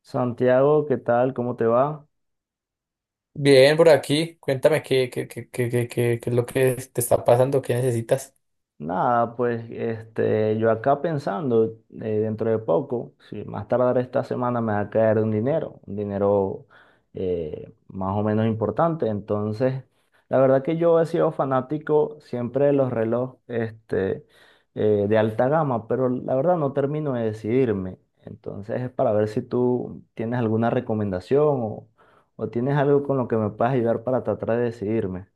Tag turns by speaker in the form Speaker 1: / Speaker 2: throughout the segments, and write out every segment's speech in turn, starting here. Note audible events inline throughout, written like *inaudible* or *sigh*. Speaker 1: Santiago, ¿qué tal? ¿Cómo te va?
Speaker 2: Bien, por aquí, cuéntame qué qué- es lo que te está pasando, qué necesitas.
Speaker 1: Nada, pues este, yo acá pensando, dentro de poco, si más tardar esta semana me va a caer un dinero, un dinero más o menos importante. Entonces, la verdad que yo he sido fanático siempre de los relojes este, de alta gama, pero la verdad no termino de decidirme. Entonces, es para ver si tú tienes alguna recomendación o tienes algo con lo que me puedas ayudar para tratar de decidirme.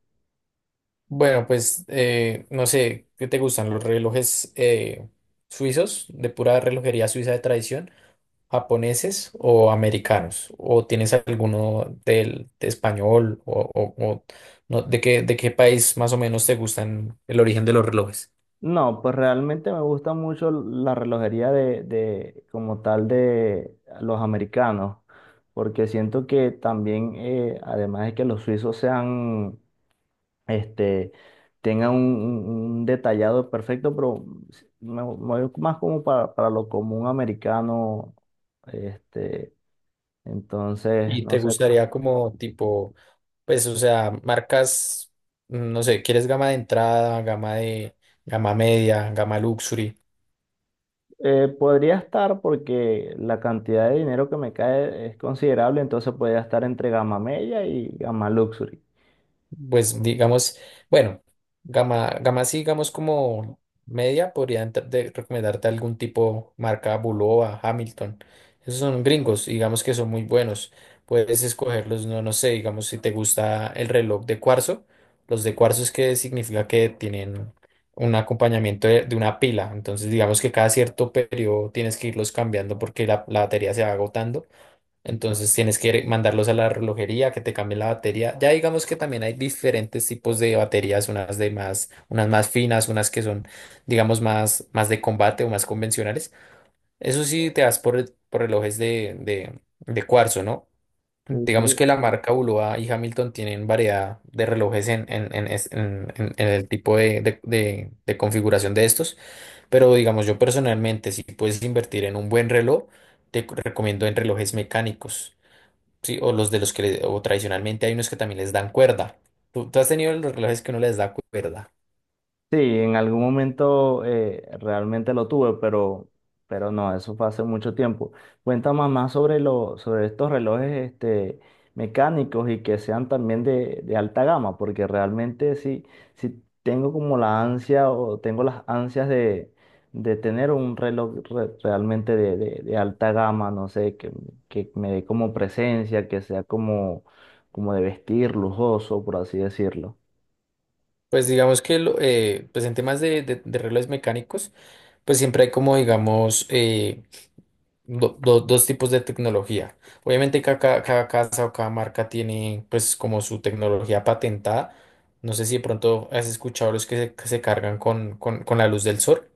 Speaker 2: Bueno, pues no sé, ¿qué te gustan los relojes suizos, de pura relojería suiza de tradición, japoneses o americanos? ¿O tienes alguno del de español o no, de qué país más o menos te gustan el origen de los relojes?
Speaker 1: No, pues realmente me gusta mucho la relojería de como tal de los americanos, porque siento que también, además de que los suizos sean, este, tengan un- un detallado perfecto, pero me voy más como para lo común americano, este, entonces,
Speaker 2: Y
Speaker 1: no
Speaker 2: te
Speaker 1: sé.
Speaker 2: gustaría como tipo, pues, o sea, marcas, no sé, ¿quieres gama de entrada, gama media, gama luxury?
Speaker 1: Podría estar porque la cantidad de dinero que me cae es considerable, entonces podría estar entre Gamma Mella y Gamma Luxury.
Speaker 2: Pues digamos, bueno, gama así, digamos como media, podría recomendarte algún tipo, marca Bulova, Hamilton. Esos son gringos, digamos que son muy buenos. Puedes escogerlos, no, no sé, digamos si te gusta el reloj de cuarzo. Los de cuarzo es que significa que tienen un acompañamiento de una pila. Entonces, digamos que cada cierto periodo tienes que irlos cambiando porque la batería se va agotando, entonces tienes que mandarlos a la relojería que te cambien la batería. Ya digamos que también hay diferentes tipos de baterías, unas de más, unas más finas, unas que son, digamos, más, más de combate o más convencionales. Eso sí, te vas por relojes de cuarzo, ¿no?
Speaker 1: Sí, sí.
Speaker 2: Digamos que la marca Bulova y Hamilton tienen variedad de relojes en, es- en el tipo de configuración de estos. Pero digamos, yo personalmente, si puedes invertir en un buen reloj, te recomiendo en relojes mecánicos. Sí, o los de los que o tradicionalmente hay unos que también les dan cuerda. ¿Tú has tenido los relojes que no les da cuerda?
Speaker 1: Sí, en algún momento realmente lo tuve, pero no, eso fue hace mucho tiempo. Cuéntame más sobre lo, sobre estos relojes este, mecánicos y que sean también de alta gama, porque realmente sí, sí tengo como la ansia o tengo las ansias de tener un reloj realmente de alta gama, no sé, que me dé como presencia, que sea como, como de vestir, lujoso, por así decirlo.
Speaker 2: Pues digamos que pues en temas de relojes mecánicos, pues siempre hay como digamos dos tipos de tecnología. Obviamente cada casa o cada marca tiene pues como su tecnología patentada. No sé si de pronto has escuchado los que se cargan con la luz del sol,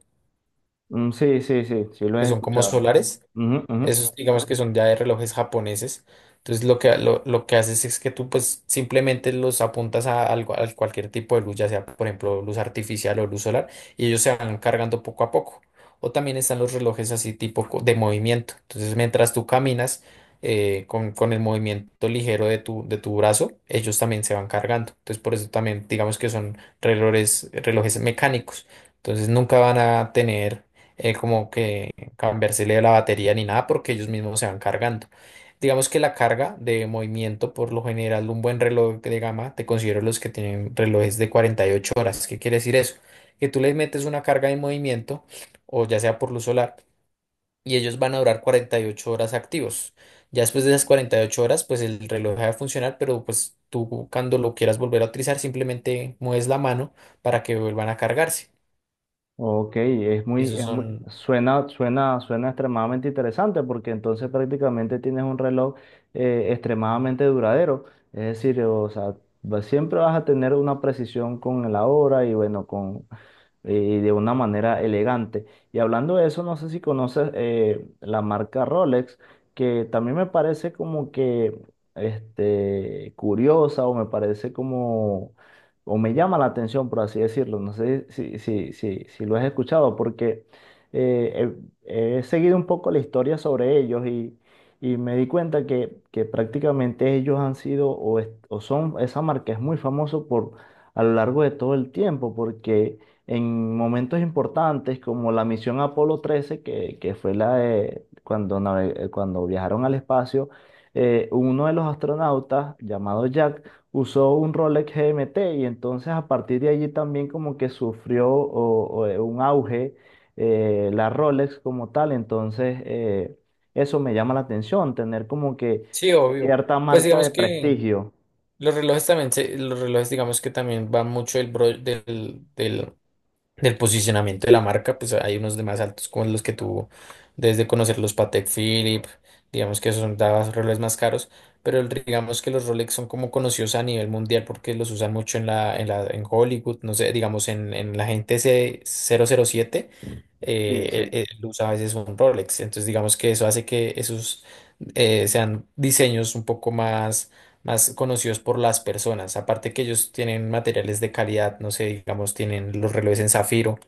Speaker 1: Mm, sí, sí, sí, sí lo
Speaker 2: que
Speaker 1: he
Speaker 2: son como
Speaker 1: escuchado.
Speaker 2: solares.
Speaker 1: Ujú, ujú.
Speaker 2: Esos digamos que son ya de relojes japoneses. Entonces lo que haces es que tú pues simplemente los apuntas a cualquier tipo de luz, ya sea por ejemplo luz artificial o luz solar, y ellos se van cargando poco a poco. O también están los relojes así tipo de movimiento. Entonces mientras tú caminas con el movimiento ligero de tu brazo, ellos también se van cargando. Entonces por eso también digamos que son relojes mecánicos. Entonces nunca van a tener como que cambiársele la batería ni nada porque ellos mismos se van cargando. Digamos que la carga de movimiento, por lo general, un buen reloj de gama, te considero los que tienen relojes de 48 horas. ¿Qué quiere decir eso? Que tú les metes una carga de movimiento, o ya sea por luz solar, y ellos van a durar 48 horas activos. Ya después de esas 48 horas, pues el reloj deja de funcionar, pero pues tú cuando lo quieras volver a utilizar, simplemente mueves la mano para que vuelvan a cargarse.
Speaker 1: Ok,
Speaker 2: Esos
Speaker 1: es muy,
Speaker 2: son,
Speaker 1: suena extremadamente interesante porque entonces prácticamente tienes un reloj extremadamente duradero. Es decir, o sea, siempre vas a tener una precisión con la hora y bueno, con de una manera elegante. Y hablando de eso, no sé si conoces la marca Rolex, que también me parece como que este, curiosa o me parece como, o me llama la atención, por así decirlo. No sé si lo has escuchado, porque eh, he seguido un poco la historia sobre ellos y me di cuenta que prácticamente ellos han sido o son, esa marca es muy famosa por, a lo largo de todo el tiempo, porque en momentos importantes como la misión Apolo 13, que fue la de cuando viajaron al espacio, uno de los astronautas, llamado Jack, usó un Rolex GMT y entonces a partir de allí también como que sufrió un auge la Rolex como tal, entonces eso me llama la atención, tener como que
Speaker 2: sí, obvio.
Speaker 1: cierta
Speaker 2: Pues
Speaker 1: marca
Speaker 2: digamos
Speaker 1: de
Speaker 2: que...
Speaker 1: prestigio.
Speaker 2: Los relojes también, los relojes digamos que también va mucho el del posicionamiento de la marca, pues hay unos de más altos como los que tuvo, desde conocer los Patek Philippe, digamos que son daban relojes más caros, pero digamos que los Rolex son como conocidos a nivel mundial porque los usan mucho en Hollywood, no sé, digamos en la gente 007,
Speaker 1: Sí, sí,
Speaker 2: él usa a veces un Rolex, entonces digamos que eso hace que esos sean diseños un poco más más conocidos por las personas. Aparte que ellos tienen materiales de calidad, no sé, digamos, tienen los relojes en zafiro,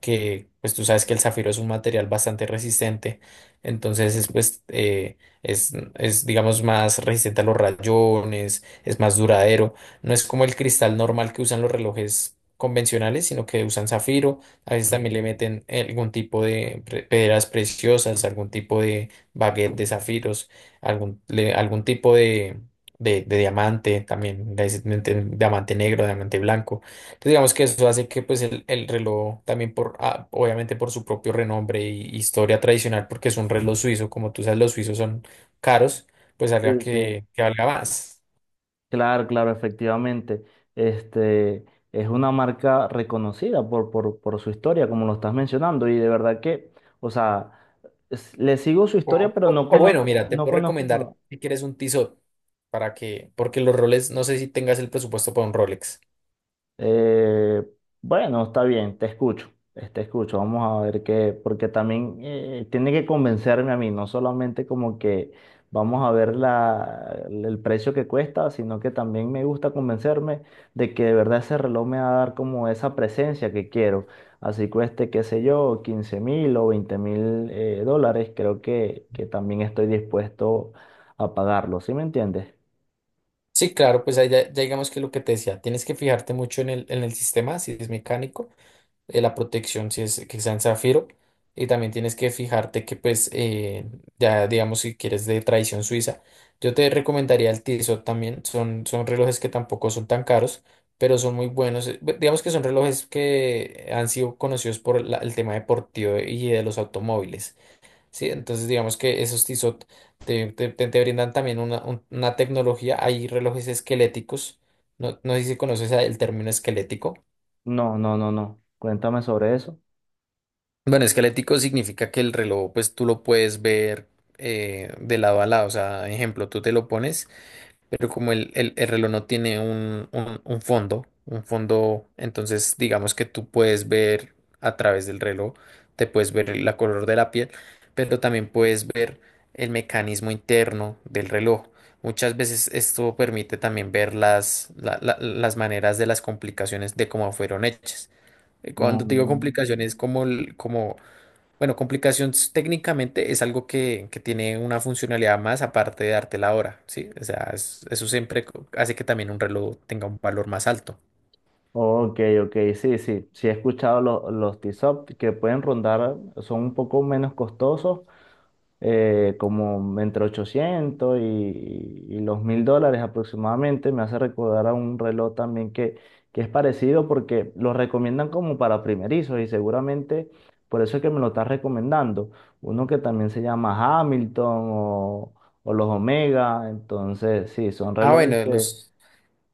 Speaker 2: que pues tú sabes que el zafiro es un material bastante resistente, entonces es pues es digamos más resistente a los rayones, es más duradero. No es como el cristal normal que usan los relojes convencionales, sino que usan zafiro. A veces también le meten algún tipo de piedras preciosas, algún tipo de baguette de zafiros, algún, algún tipo de diamante, también de diamante negro, diamante blanco. Entonces digamos que eso hace que pues el reloj también por, ah, obviamente por su propio renombre y historia tradicional, porque es un reloj suizo, como tú sabes, los suizos son caros, pues haga
Speaker 1: sí, sí.
Speaker 2: que valga más.
Speaker 1: Claro, claro, efectivamente. Este es una marca reconocida por su historia, como lo estás mencionando, y de verdad que, o sea, le sigo su historia,
Speaker 2: O,
Speaker 1: pero
Speaker 2: o-
Speaker 1: no
Speaker 2: o bueno,
Speaker 1: conozco,
Speaker 2: mira, te
Speaker 1: no
Speaker 2: puedo
Speaker 1: conozco
Speaker 2: recomendar
Speaker 1: como.
Speaker 2: si quieres un Tissot para que, porque los roles, no sé si tengas el presupuesto para un Rolex.
Speaker 1: Eh, bueno, está bien, te escucho, te escucho. Vamos a ver qué, porque también tiene que convencerme a mí, no solamente como que vamos a ver el precio que cuesta, sino que también me gusta convencerme de que de verdad ese reloj me va a dar como esa presencia que quiero. Así cueste, qué sé yo, 15.000 o 20.000 dólares, creo que también estoy dispuesto a pagarlo, ¿sí me entiendes?
Speaker 2: Sí, claro, pues ahí ya, ya digamos que lo que te decía, tienes que fijarte mucho en el sistema, si es mecánico. La protección si es que sea en zafiro. Y también tienes que fijarte que pues ya digamos si quieres de tradición suiza. Yo te recomendaría el Tissot también. Son, son relojes que tampoco son tan caros, pero son muy buenos. Digamos que son relojes que han sido conocidos por el tema deportivo y de los automóviles. Sí, entonces digamos que esos Tissot te brindan también una tecnología. Hay relojes esqueléticos. No, no sé si conoces el término esquelético.
Speaker 1: No, no, no, no. Cuéntame sobre eso.
Speaker 2: Bueno, esquelético significa que el reloj, pues tú lo puedes ver de lado a lado. O sea, ejemplo, tú te lo pones, pero como el reloj no tiene un fondo, entonces digamos que tú puedes ver a través del reloj, te puedes ver la color de la piel, pero también puedes ver el mecanismo interno del reloj. Muchas veces esto permite también ver las maneras de las complicaciones de cómo fueron hechas. Cuando te digo
Speaker 1: Mm.
Speaker 2: complicaciones, como bueno, complicación técnicamente es algo que tiene una funcionalidad más aparte de darte la hora, ¿sí? O sea, eso siempre hace que también un reloj tenga un valor más alto.
Speaker 1: Ok, ok, sí, sí, sí he escuchado los T-Sop que pueden rondar, son un poco menos costosos, como entre 800 y los 1.000 dólares aproximadamente. Me hace recordar a un reloj también que es parecido porque los recomiendan como para primerizos y seguramente por eso es que me lo estás recomendando. Uno que también se llama Hamilton o, o los Omega, entonces sí, son
Speaker 2: Ah,
Speaker 1: relojes
Speaker 2: bueno,
Speaker 1: que...
Speaker 2: los,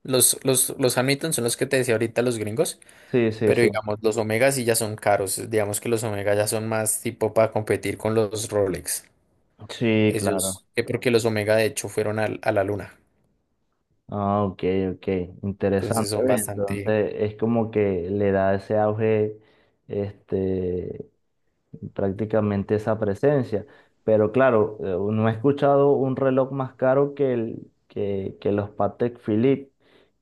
Speaker 2: los, los, los Hamilton son los que te decía ahorita los gringos,
Speaker 1: Sí, sí,
Speaker 2: pero
Speaker 1: sí.
Speaker 2: digamos, los Omega sí ya son caros. Digamos que los Omega ya son más tipo para competir con los Rolex.
Speaker 1: Sí, claro.
Speaker 2: Ellos, que porque los Omega de hecho fueron a la luna,
Speaker 1: Ah, ok, ok,
Speaker 2: entonces
Speaker 1: interesante.
Speaker 2: son
Speaker 1: Ve,
Speaker 2: bastante...
Speaker 1: entonces es como que le da ese auge este, prácticamente esa presencia. Pero claro, no he escuchado un reloj más caro que, que los Patek Philippe,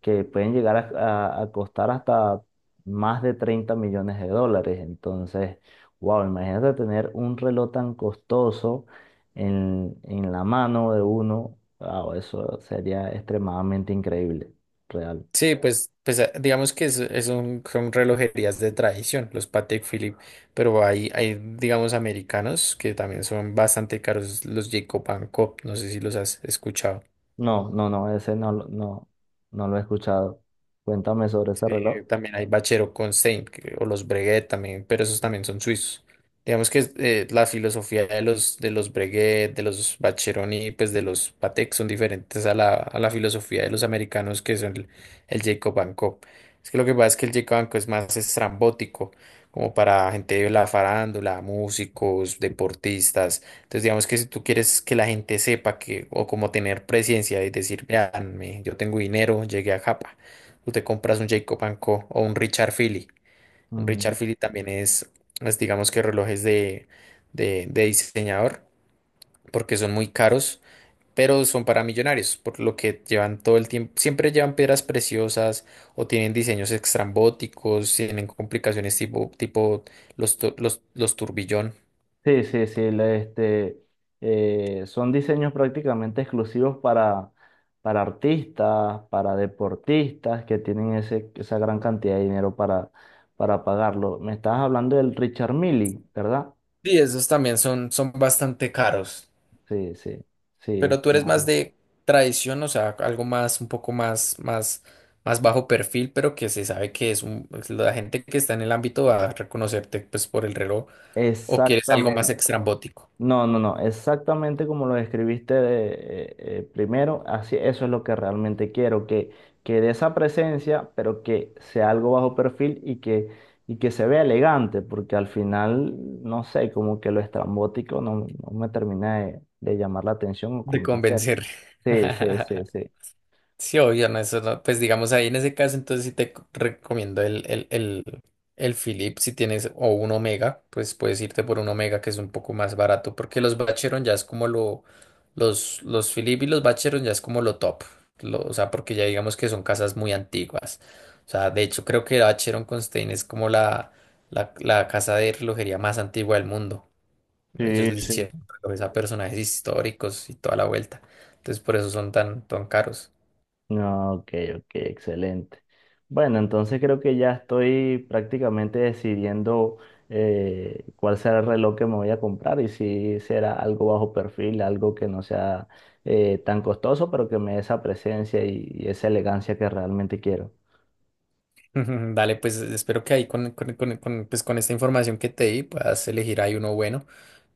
Speaker 1: que pueden llegar a costar hasta más de 30 millones de dólares. Entonces, wow, imagínate tener un reloj tan costoso en la mano de uno. Wow, eso sería extremadamente increíble, real.
Speaker 2: Sí, pues, pues digamos que son relojerías de tradición, los Patek Philippe, pero digamos, americanos que también son bastante caros, los Jacob Cop, no sé si los has escuchado.
Speaker 1: No, no, no, ese no, no, no lo he escuchado. Cuéntame sobre ese
Speaker 2: Sí,
Speaker 1: reloj.
Speaker 2: también hay Bachero con Stein, o los Breguet también, pero esos también son suizos. Digamos que la filosofía de los Breguet, de los Bacheroni, pues de los Patek son diferentes a la filosofía de los americanos que son el Jacob and Co. Es que lo que pasa es que el Jacob and Co es más estrambótico, como para gente de la farándula, músicos, deportistas. Entonces digamos que si tú quieres que la gente sepa que, o como tener presencia y decir, vean, yo tengo dinero, llegué a Japa. Tú te compras un Jacob and Co. o un Richard Philly. Un Richard Philly también digamos que relojes de diseñador, porque son muy caros, pero son para millonarios, por lo que llevan todo el tiempo, siempre llevan piedras preciosas o tienen diseños extrambóticos, tienen complicaciones tipo los turbillón.
Speaker 1: Sí, sí, sí, este, son diseños prácticamente exclusivos para artistas, para deportistas que tienen ese, esa gran cantidad de dinero para pagarlo. Me estabas hablando del Richard Mille, ¿verdad?
Speaker 2: Sí, esos también son, son bastante caros.
Speaker 1: Sí, sí, sí,
Speaker 2: Pero tú
Speaker 1: este,
Speaker 2: eres
Speaker 1: más o
Speaker 2: más
Speaker 1: menos.
Speaker 2: de tradición, o sea, algo más, un poco más bajo perfil, pero que se sabe que es un, es la gente que está en el ámbito va a reconocerte pues por el reloj, o quieres algo más
Speaker 1: Exactamente.
Speaker 2: extrambótico
Speaker 1: No, no, no, exactamente como lo describiste de, primero, así eso es lo que realmente quiero, que dé esa presencia, pero que sea algo bajo perfil y que se vea elegante, porque al final, no sé, como que lo estrambótico no, no me termina de llamar la atención o
Speaker 2: de
Speaker 1: convencer.
Speaker 2: convencer.
Speaker 1: Sí, sí, sí,
Speaker 2: *laughs*
Speaker 1: sí.
Speaker 2: Sí, obvio, no, eso no- pues digamos ahí en ese caso, entonces sí te recomiendo el Philips si tienes o un Omega, pues puedes irte por un Omega que es un poco más barato, porque los Vacheron ya es como los Philips y los Vacheron ya es como lo top, o sea, porque ya digamos que son casas muy antiguas, o sea, de hecho creo que Vacheron Constantin es como la casa de relojería más antigua del mundo,
Speaker 1: Sí,
Speaker 2: ellos le
Speaker 1: sí.
Speaker 2: hicieron relojes a personajes históricos y toda la vuelta, entonces por eso son tan, tan caros.
Speaker 1: No, ok, ok, excelente. Bueno, entonces creo que ya estoy prácticamente decidiendo cuál será el reloj que me voy a comprar y si será algo bajo perfil, algo que no sea tan costoso, pero que me dé esa presencia y esa elegancia que realmente quiero.
Speaker 2: Ujú, dale, pues espero que ahí con esta información que te di puedas elegir ahí uno bueno.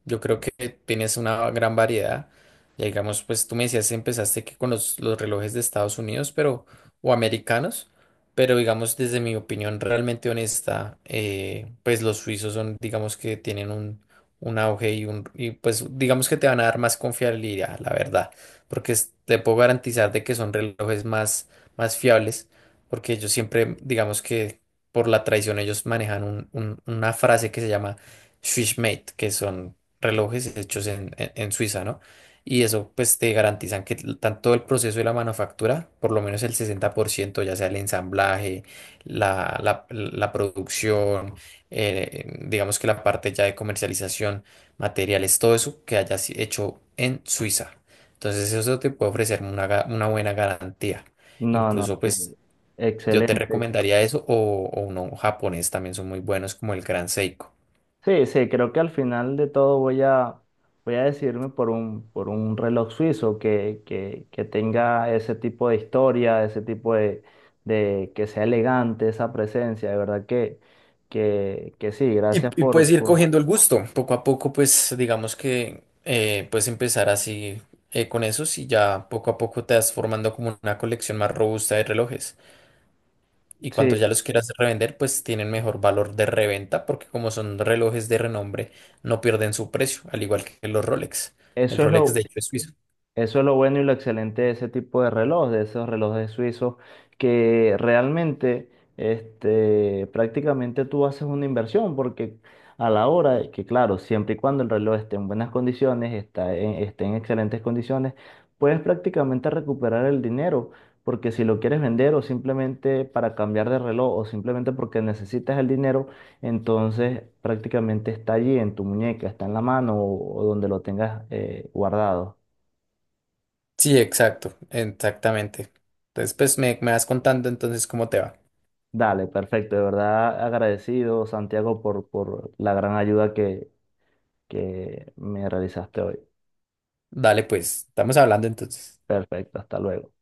Speaker 2: Yo creo que tienes una gran variedad. Ya digamos, pues tú me decías, empezaste que con los relojes de Estados Unidos, pero, o americanos, pero digamos, desde mi opinión realmente honesta, pues los suizos son, digamos que tienen un auge y pues digamos que te van a dar más confiabilidad, la verdad, porque te puedo garantizar de que son relojes más fiables, porque ellos siempre, digamos que por la tradición, ellos manejan una frase que se llama Swissmate, que son relojes hechos en Suiza, ¿no? Y eso pues te garantizan que tanto el proceso de la manufactura, por lo menos el 60%, ya sea el ensamblaje, la producción, digamos que la parte ya de comercialización, materiales, todo eso que haya hecho en Suiza. Entonces eso te puede ofrecer una buena garantía.
Speaker 1: No, no,
Speaker 2: Incluso
Speaker 1: sí.
Speaker 2: pues yo te
Speaker 1: Excelente.
Speaker 2: recomendaría eso o uno japonés también son muy buenos como el Gran Seiko.
Speaker 1: Sí, sí, creo que al final de todo voy a, voy a decidirme por un reloj suizo que tenga ese tipo de historia, ese tipo de que sea elegante esa presencia. De verdad que sí, gracias
Speaker 2: Y puedes ir
Speaker 1: por...
Speaker 2: cogiendo el gusto, poco a poco, pues digamos que puedes empezar así con esos y ya poco a poco te vas formando como una colección más robusta de relojes. Y cuando
Speaker 1: Sí,
Speaker 2: ya los quieras revender, pues tienen mejor valor de reventa porque como son relojes de renombre, no pierden su precio, al igual que los Rolex. El
Speaker 1: eso es
Speaker 2: Rolex
Speaker 1: lo.
Speaker 2: de hecho es suizo.
Speaker 1: Eso es lo bueno y lo excelente de ese tipo de reloj, de esos relojes suizos, que realmente, este, prácticamente tú haces una inversión, porque a la hora, de que claro, siempre y cuando el reloj esté en buenas condiciones, esté en excelentes condiciones, puedes prácticamente recuperar el dinero, porque si lo quieres vender o simplemente para cambiar de reloj o simplemente porque necesitas el dinero, entonces prácticamente está allí en tu muñeca, está en la mano o donde lo tengas guardado.
Speaker 2: Sí, exacto, exactamente. Entonces, pues me vas contando entonces cómo te va.
Speaker 1: Dale, perfecto. De verdad agradecido, Santiago, por la gran ayuda que me realizaste hoy.
Speaker 2: Dale, pues, estamos hablando entonces.
Speaker 1: Perfecto, hasta luego.